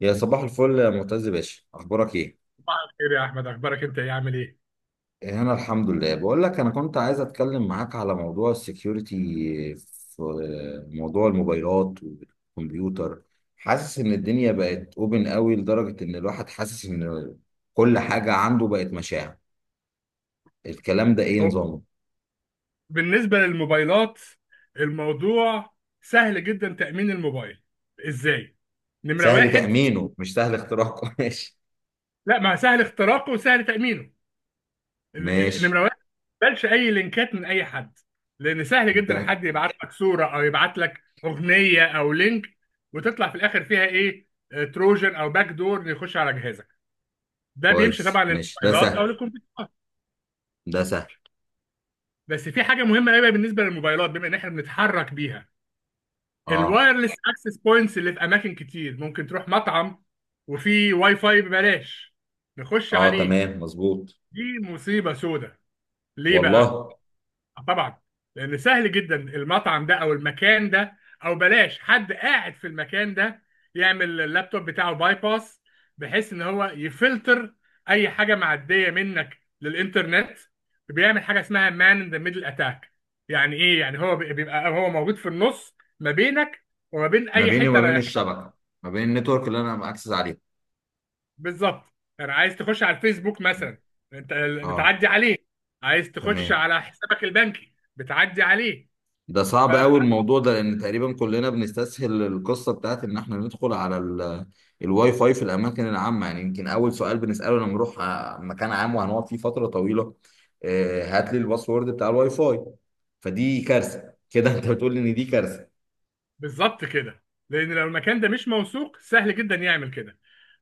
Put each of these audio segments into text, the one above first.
يا صباح الفل يا معتز باشا، اخبارك ايه؟ صباح الخير يا احمد، اخبارك انت؟ ايه عامل ايه؟ هنا الحمد لله. بقول لك انا كنت عايز اتكلم معاك على موضوع السكيورتي في موضوع الموبايلات والكمبيوتر. حاسس ان الدنيا بقت اوبن قوي لدرجة ان الواحد حاسس ان كل حاجة عنده بقت مشاع. الكلام ده ايه هو نظامه؟ بالنسبه للموبايلات، الموضوع سهل جدا. تامين الموبايل ازاي؟ نمره سهل واحد: تأمينه مش سهل اختراقه ماشي. لا، ما سهل اختراقه وسهل تامينه. ماشي. نمره واحد: ما تقبلش اي لينكات من اي حد، لان سهل جدا ده حد يبعت لك صوره او يبعت لك اغنيه او لينك، وتطلع في الاخر فيها ايه؟ تروجن او باك دور يخش على جهازك. ده بيمشي كويس، طبعا ماشي، ده للموبايلات او سهل، للكمبيوترات. ده سهل. بس في حاجه مهمه قوي بالنسبه للموبايلات، بما ان احنا بنتحرك بيها. اه، الوايرلس اكسس بوينتس اللي في اماكن كتير، ممكن تروح مطعم وفي واي فاي ببلاش نخش اه، عليه. تمام مظبوط. دي مصيبة سودة. ليه بقى؟ والله. طبعا لان سهل جدا المطعم ده او المكان ده، او بلاش حد قاعد في المكان ده يعمل اللابتوب بتاعه باي باس، بحيث ان هو يفلتر اي حاجه معديه منك للانترنت. بيعمل حاجه اسمها مان ان ذا ميدل اتاك. يعني ايه؟ يعني هو بيبقى هو موجود في النص ما بينك وما بين ما اي بيني وما حته بين رايح. الشبكه، ما بين النتورك اللي انا اكسس عليها. بالظبط. يعني عايز تخش على الفيسبوك مثلا انت، اه، بتعدي عليه. عايز تخش تمام. على حسابك البنكي، بتعدي عليه. ده صعب قوي الموضوع ده لان تقريبا كلنا بنستسهل القصه بتاعت ان احنا ندخل على الواي فاي في الاماكن العامه. يعني يمكن اول سؤال بنساله لما نروح مكان عام وهنقعد فيه فتره طويله: هات لي الباسورد بتاع الواي فاي. فدي كارثه كده. انت بتقول ان دي كارثه؟ بالظبط كده، لان لو المكان ده مش موثوق، سهل جدا يعمل كده.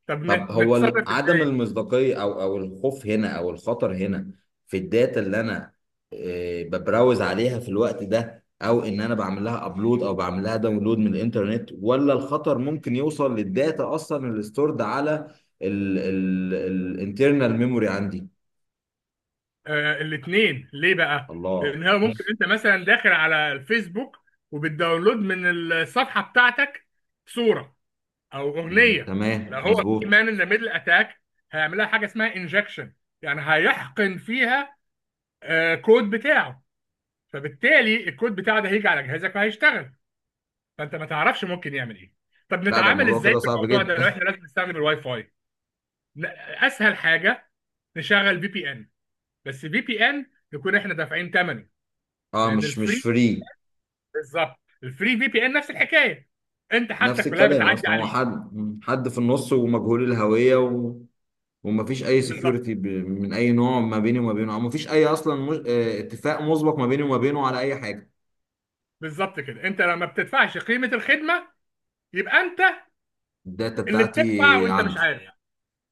طب طب هو نتصرف عدم ازاي؟ المصداقية او الخوف هنا او الخطر هنا في الداتا اللي انا ببراوز عليها في الوقت ده، او ان انا بعمل لها ابلود او بعمل لها داونلود من الانترنت؟ ولا الخطر ممكن يوصل للداتا اصلا اللي ستورد على الانترنال ميموري عندي؟ آه، الاثنين. ليه بقى؟ الله. لان هو ممكن انت مثلا داخل على الفيسبوك وبتداونلود من الصفحه بتاعتك صوره او مم، اغنيه. لو تمام هو في مظبوط. مان ان ذا ميدل اتاك، هيعملها حاجه اسمها انجكشن. يعني هيحقن فيها كود بتاعه. فبالتالي الكود بتاعه ده هيجي على جهازك وهيشتغل، فانت ما تعرفش ممكن يعمل ايه. طب لا ده نتعامل الموضوع ازاي كده في صعب الموضوع ده لو جدا. احنا لازم نستخدم الواي فاي؟ لا، اسهل حاجه نشغل في بي ان. بس في بي ان نكون احنا دافعين ثمنه، اه، لان مش الفري... فري. بالظبط. الفري في بي ان نفس الحكايه، انت نفس حاجتك كلها الكلام بتعدي اصلا. هو عليه. حد حد في النص ومجهول الهوية. ومفيش اي بالظبط. سكيورتي من اي نوع ما بيني وما بينه. او مفيش اي اصلا مج... آه، اتفاق مسبق ما بيني وما بينه على اي حاجه. بالظبط كده، انت لما بتدفعش قيمه الخدمه، يبقى انت الداتا اللي بتاعتي بتدفع وانت مش عنده. عارف.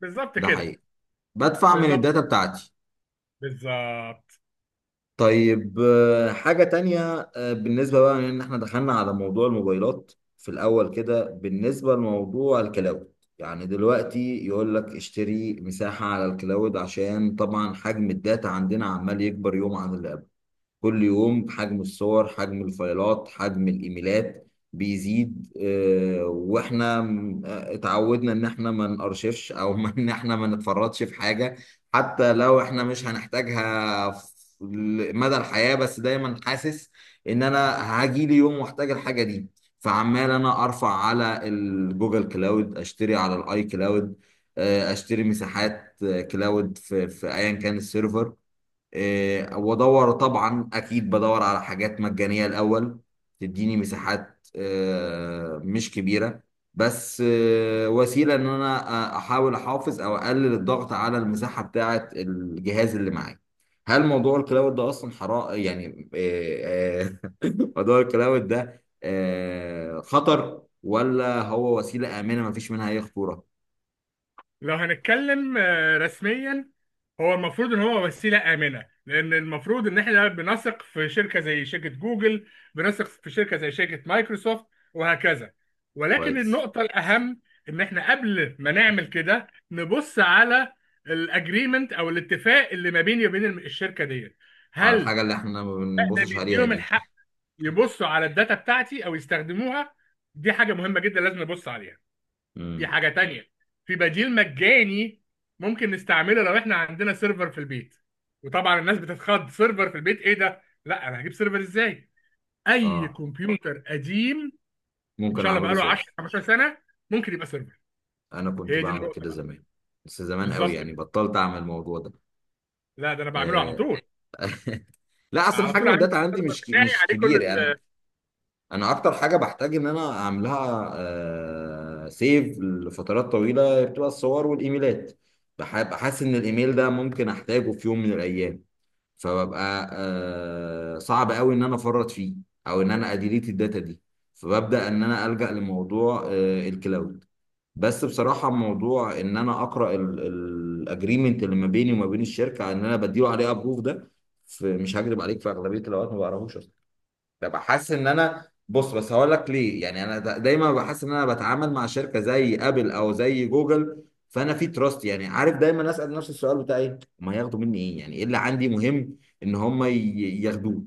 بالظبط ده كده. حقيقي. بدفع من بالظبط. الداتا بتاعتي. بالظبط. طيب، حاجه تانية. بالنسبه بقى ان احنا دخلنا على موضوع الموبايلات في الاول كده، بالنسبه لموضوع الكلاود. يعني دلوقتي يقول لك اشتري مساحه على الكلاود، عشان طبعا حجم الداتا عندنا عمال يكبر يوم عن اللي قبله. كل يوم حجم الصور، حجم الفايلات، حجم الايميلات بيزيد. واحنا اتعودنا ان احنا ما نارشفش او ان احنا ما نتفرطش في حاجه، حتى لو احنا مش هنحتاجها في مدى الحياه. بس دايما حاسس ان انا هاجي لي يوم واحتاج الحاجه دي. فعمال انا ارفع على الجوجل كلاود، اشتري على الاي كلاود، اشتري مساحات، كلاود في ايا كان السيرفر. وادور طبعا اكيد بدور على حاجات مجانيه الاول، تديني مساحات مش كبيره، بس وسيله ان انا احاول احافظ او اقلل الضغط على المساحه بتاعه الجهاز اللي معايا. هل موضوع الكلاود ده اصلا حرام يعني؟ موضوع الكلاود ده خطر، ولا هو وسيله امنه مفيش منها اي خطوره؟ لو هنتكلم رسميا، هو المفروض ان هو وسيله امنه، لان المفروض ان احنا بنثق في شركه زي شركه جوجل، بنثق في شركه زي شركه مايكروسوفت، وهكذا. ولكن كويس. النقطه الاهم ان احنا قبل ما نعمل كده نبص على الاجريمنت او الاتفاق اللي ما بيني وبين الشركه ديت. اه، هل الحاجه اللي احنا ما ده بنبصش عليها بيديهم دي. الحق يبصوا على الداتا بتاعتي او يستخدموها؟ دي حاجه مهمه جدا لازم نبص عليها. في امم. حاجة تانية: في بديل مجاني ممكن نستعمله لو احنا عندنا سيرفر في البيت. وطبعا الناس بتتخض: سيرفر في البيت؟ ايه ده؟ لا، انا هجيب سيرفر ازاي؟ اي اه، كمبيوتر قديم ان ممكن شاء الله اعمله بقاله 10 سيرفر. 15 سنة ممكن يبقى سيرفر. انا كنت هي دي بعمل النقطة كده بقى. زمان، بس زمان قوي بالظبط يعني، كده. بطلت اعمل الموضوع ده. لا، ده انا بعمله على آه، طول. لا اصلا على طول حجم عندي الداتا عندي السيرفر بتاعي مش عليه كبير كل... يعني. انا اكتر حاجه بحتاج ان انا اعملها سيف لفترات طويله بتبقى الصور والايميلات. بحس ان الايميل ده ممكن احتاجه في يوم من الايام، فببقى صعب قوي ان انا افرط فيه، او ان انا اديليت الداتا دي. فببدا ان انا الجا لموضوع الكلاود. بس بصراحة موضوع ان انا اقرأ الاجريمنت اللي ما بيني وما بين الشركة ان انا بديله عليه ابروف ده، مش هكذب عليك، في اغلبية الاوقات ما بقراهوش اصلا. ببقى حاسس ان انا بص. بس هقول لك ليه. يعني انا دايما ببقى حاسس ان انا بتعامل مع شركة زي ابل او زي جوجل، فانا في تراست. يعني عارف، دايما اسأل نفسي السؤال بتاع ايه هم هياخدوا مني؟ ايه، يعني ايه اللي عندي مهم ان هم ياخدوه؟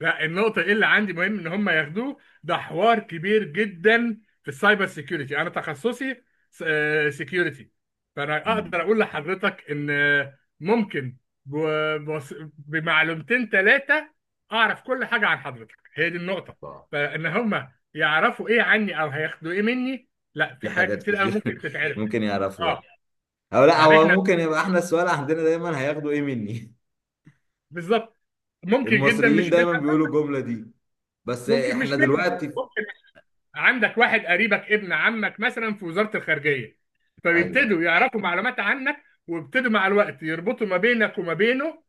لا، النقطة اللي عندي مهم ان هم ياخدوه. ده حوار كبير جدا. في السايبر سيكيورتي انا تخصصي سيكيورتي، فانا مم. اقدر اقول لحضرتك ان آه، ممكن بمعلومتين ثلاثة اعرف كل حاجة عن حضرتك. هي دي النقطة. الله. فان هم يعرفوا ايه عني او هياخدوا ايه مني؟ لا، في في حاجات حاجات كتير قوي كتير ممكن تتعرف. ممكن اه. يعرفوها. او لا، يعني هو احنا ممكن يبقى احنا السؤال عندنا دايما هياخدوا ايه مني. بالظبط، ممكن جدا المصريين مش منها. دايما بيقولوا الجمله دي. بس ممكن مش احنا منها. دلوقتي. عندك واحد قريبك ابن عمك مثلا في وزارة الخارجية، ايوه. فبيبتدوا يعرفوا معلومات عنك ويبتدوا مع الوقت يربطوا ما بينك وما بينه،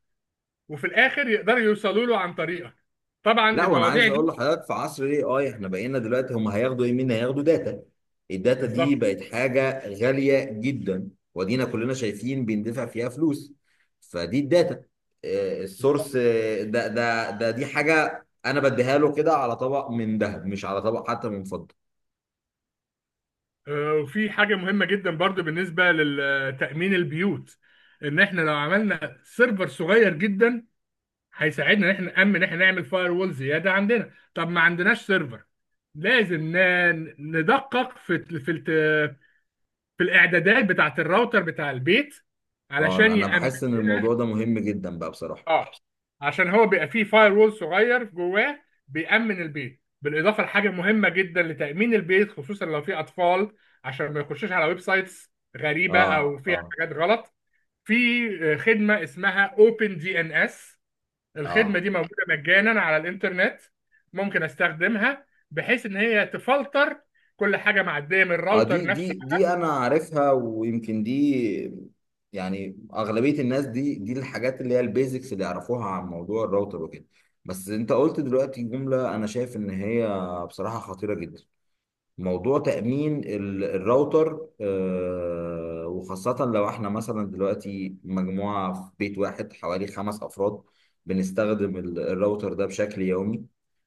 وفي الآخر يقدروا يوصلوا له عن طريقك. طبعا لا، وانا المواضيع عايز اقول دي... لحضرتك في عصر الاي اي احنا بقينا دلوقتي هم هياخدوا ايه منا؟ هياخدوا داتا. الداتا دي بالظبط. بقت حاجه غاليه جدا، ودينا كلنا شايفين بندفع فيها فلوس. فدي الداتا، السورس، آه، ده ده ده دي حاجه انا بديها له كده على طبق من ذهب، مش على طبق حتى من فضه. وفي حاجة مهمة جدا برضو بالنسبة لتأمين البيوت: إن إحنا لو عملنا سيرفر صغير جدا، هيساعدنا إن إحنا نأمن، ان إحنا نعمل فاير وول زيادة عندنا. طب ما عندناش سيرفر، لازم ندقق في الاعدادات بتاعت الراوتر بتاع البيت اه، علشان انا يأمن. بحس ان الموضوع ده مهم جدا بقى بصراحه. اه، عشان هو بيبقى فيه فاير وول صغير جواه، بيأمن البيت، بالاضافه لحاجه مهمه جدا لتأمين البيت، خصوصا لو في اطفال، عشان ما يخشوش على ويب سايتس غريبه او اه، فيها اه، حاجات غلط. في خدمه اسمها اوبن دي ان اس. الخدمه اه، دي موجوده مجانا على الانترنت، ممكن استخدمها بحيث ان هي تفلتر كل حاجه معديه من اه، الراوتر دي دي نفسه. دي انا عارفها، ويمكن دي. يعني اغلبيه الناس دي الحاجات اللي هي البيزكس اللي يعرفوها عن موضوع الراوتر وكده. بس انت قلت دلوقتي جمله انا شايف ان هي بصراحه خطيره جدا. موضوع تأمين الراوتر، وخاصة لو احنا مثلا دلوقتي مجموعة في بيت واحد حوالي 5 أفراد بنستخدم الراوتر ده بشكل يومي،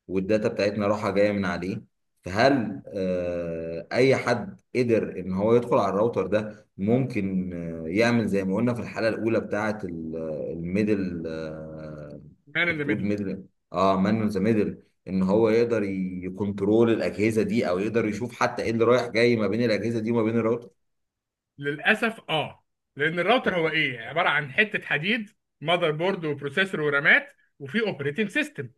والداتا بتاعتنا رايحة جاية من عليه. فهل أي حد قدر إن هو يدخل على الراوتر ده ممكن يعمل زي ما قلنا في الحلقة الأولى بتاعة الميدل؟ مان كنت ان ذا بتقول ميدل. ميدل. اه، مان ذا ميدل. ان هو يقدر يكنترول الاجهزه دي، او يقدر يشوف حتى ايه اللي رايح جاي ما بين الاجهزه دي وما بين الراوتر. للاسف، اه. لان الراوتر هو اوبا. ايه؟ عباره عن حته حديد، ماذر بورد وبروسيسور ورامات، وفي اوبريتنج سيستم.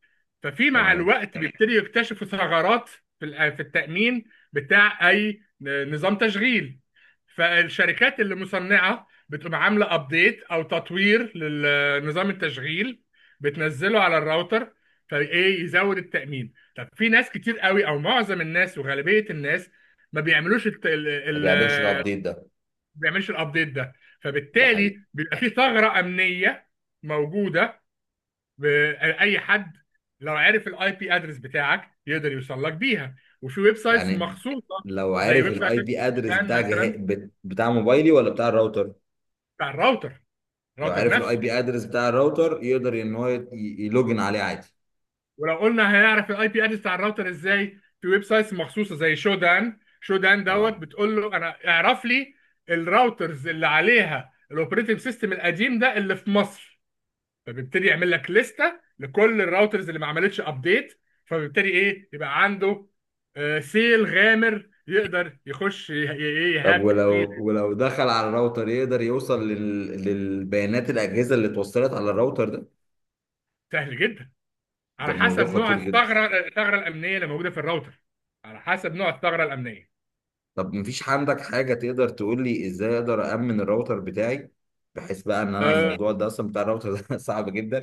ففي مع تمام. الوقت تمام بيبتدي يكتشفوا ثغرات في في التامين بتاع اي نظام تشغيل. فالشركات اللي مصنعه بتقوم عامله ابديت او تطوير لنظام التشغيل، بتنزله على الراوتر، فايه يزود التامين. طب في ناس كتير قوي او معظم الناس وغالبيه الناس ما بيعملوش، ما بيعملش الابديت ده. ما بيعملش الابديت ده، ده حقيقي. فبالتالي بيبقى في ثغره امنيه موجوده. ب- اي حد لو عرف الاي بي ادرس بتاعك يقدر يوصل لك بيها. وفي ويب سايتس يعني مخصوصه، لو زي عارف ويب سايت الاي بي ادرس كان بتاع مثلا بتاع موبايلي ولا بتاع الراوتر؟ بتاع الراوتر، لو الراوتر عارف الاي نفسه. بي ادرس بتاع الراوتر يقدر ان هو يلوجن عليه عادي. ولو قلنا هنعرف الاي بي ادرس بتاع الراوتر ازاي، في ويب سايتس مخصوصه زي شودان، شودان دوت، اه. بتقول له انا اعرف لي الراوترز اللي عليها الاوبريتنج سيستم القديم ده اللي في مصر، فبيبتدي يعمل لك لستة لكل الراوترز اللي ما عملتش ابديت، فبيبتدي ايه يبقى عنده سيل غامر يقدر يخش ي- ايه طب يهاك فيه. ولو دخل على الراوتر يقدر يوصل للبيانات الاجهزه اللي اتوصلت على الراوتر ده؟ سهل جدا، ده على الموضوع حسب نوع خطير جدا. الثغرة، الأمنية اللي موجودة في الراوتر. على حسب نوع الثغرة الأمنية. طب مفيش عندك حاجة تقدر تقول لي ازاي اقدر أأمن الراوتر بتاعي، بحيث بقى ان انا آه، الموضوع ده اصلا بتاع الراوتر ده صعب جدا؟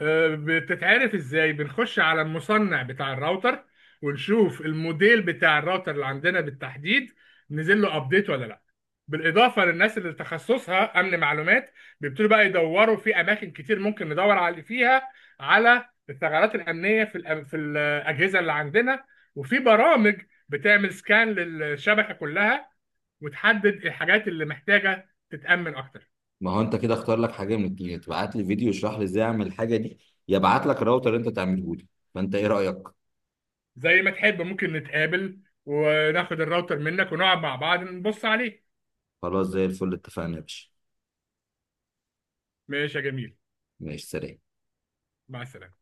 بتتعرف ازاي؟ بنخش على المصنع بتاع الراوتر، ونشوف الموديل بتاع الراوتر اللي عندنا بالتحديد، نزل له ابديت ولا لا. بالاضافه للناس اللي تخصصها امن معلومات، بيبتدوا بقى يدوروا في اماكن كتير ممكن ندور على فيها، على الثغرات الامنيه في في الاجهزه اللي عندنا. وفي برامج بتعمل سكان للشبكه كلها، وتحدد الحاجات اللي محتاجه تتامن اكتر. ما هو انت كده اختار لك حاجة من الاتنين: تبعت لي فيديو يشرح لي ازاي اعمل الحاجة دي، يا ابعت لك الراوتر اللي انت تعمله لي. فانت ايه رأيك؟ زي ما تحب، ممكن نتقابل وناخد الراوتر منك ونقعد مع بعض نبص عليه. خلاص، زي الفل، اتفقنا يا باشا. ماشي يا جميل. ماشي، سلام. مع السلامة.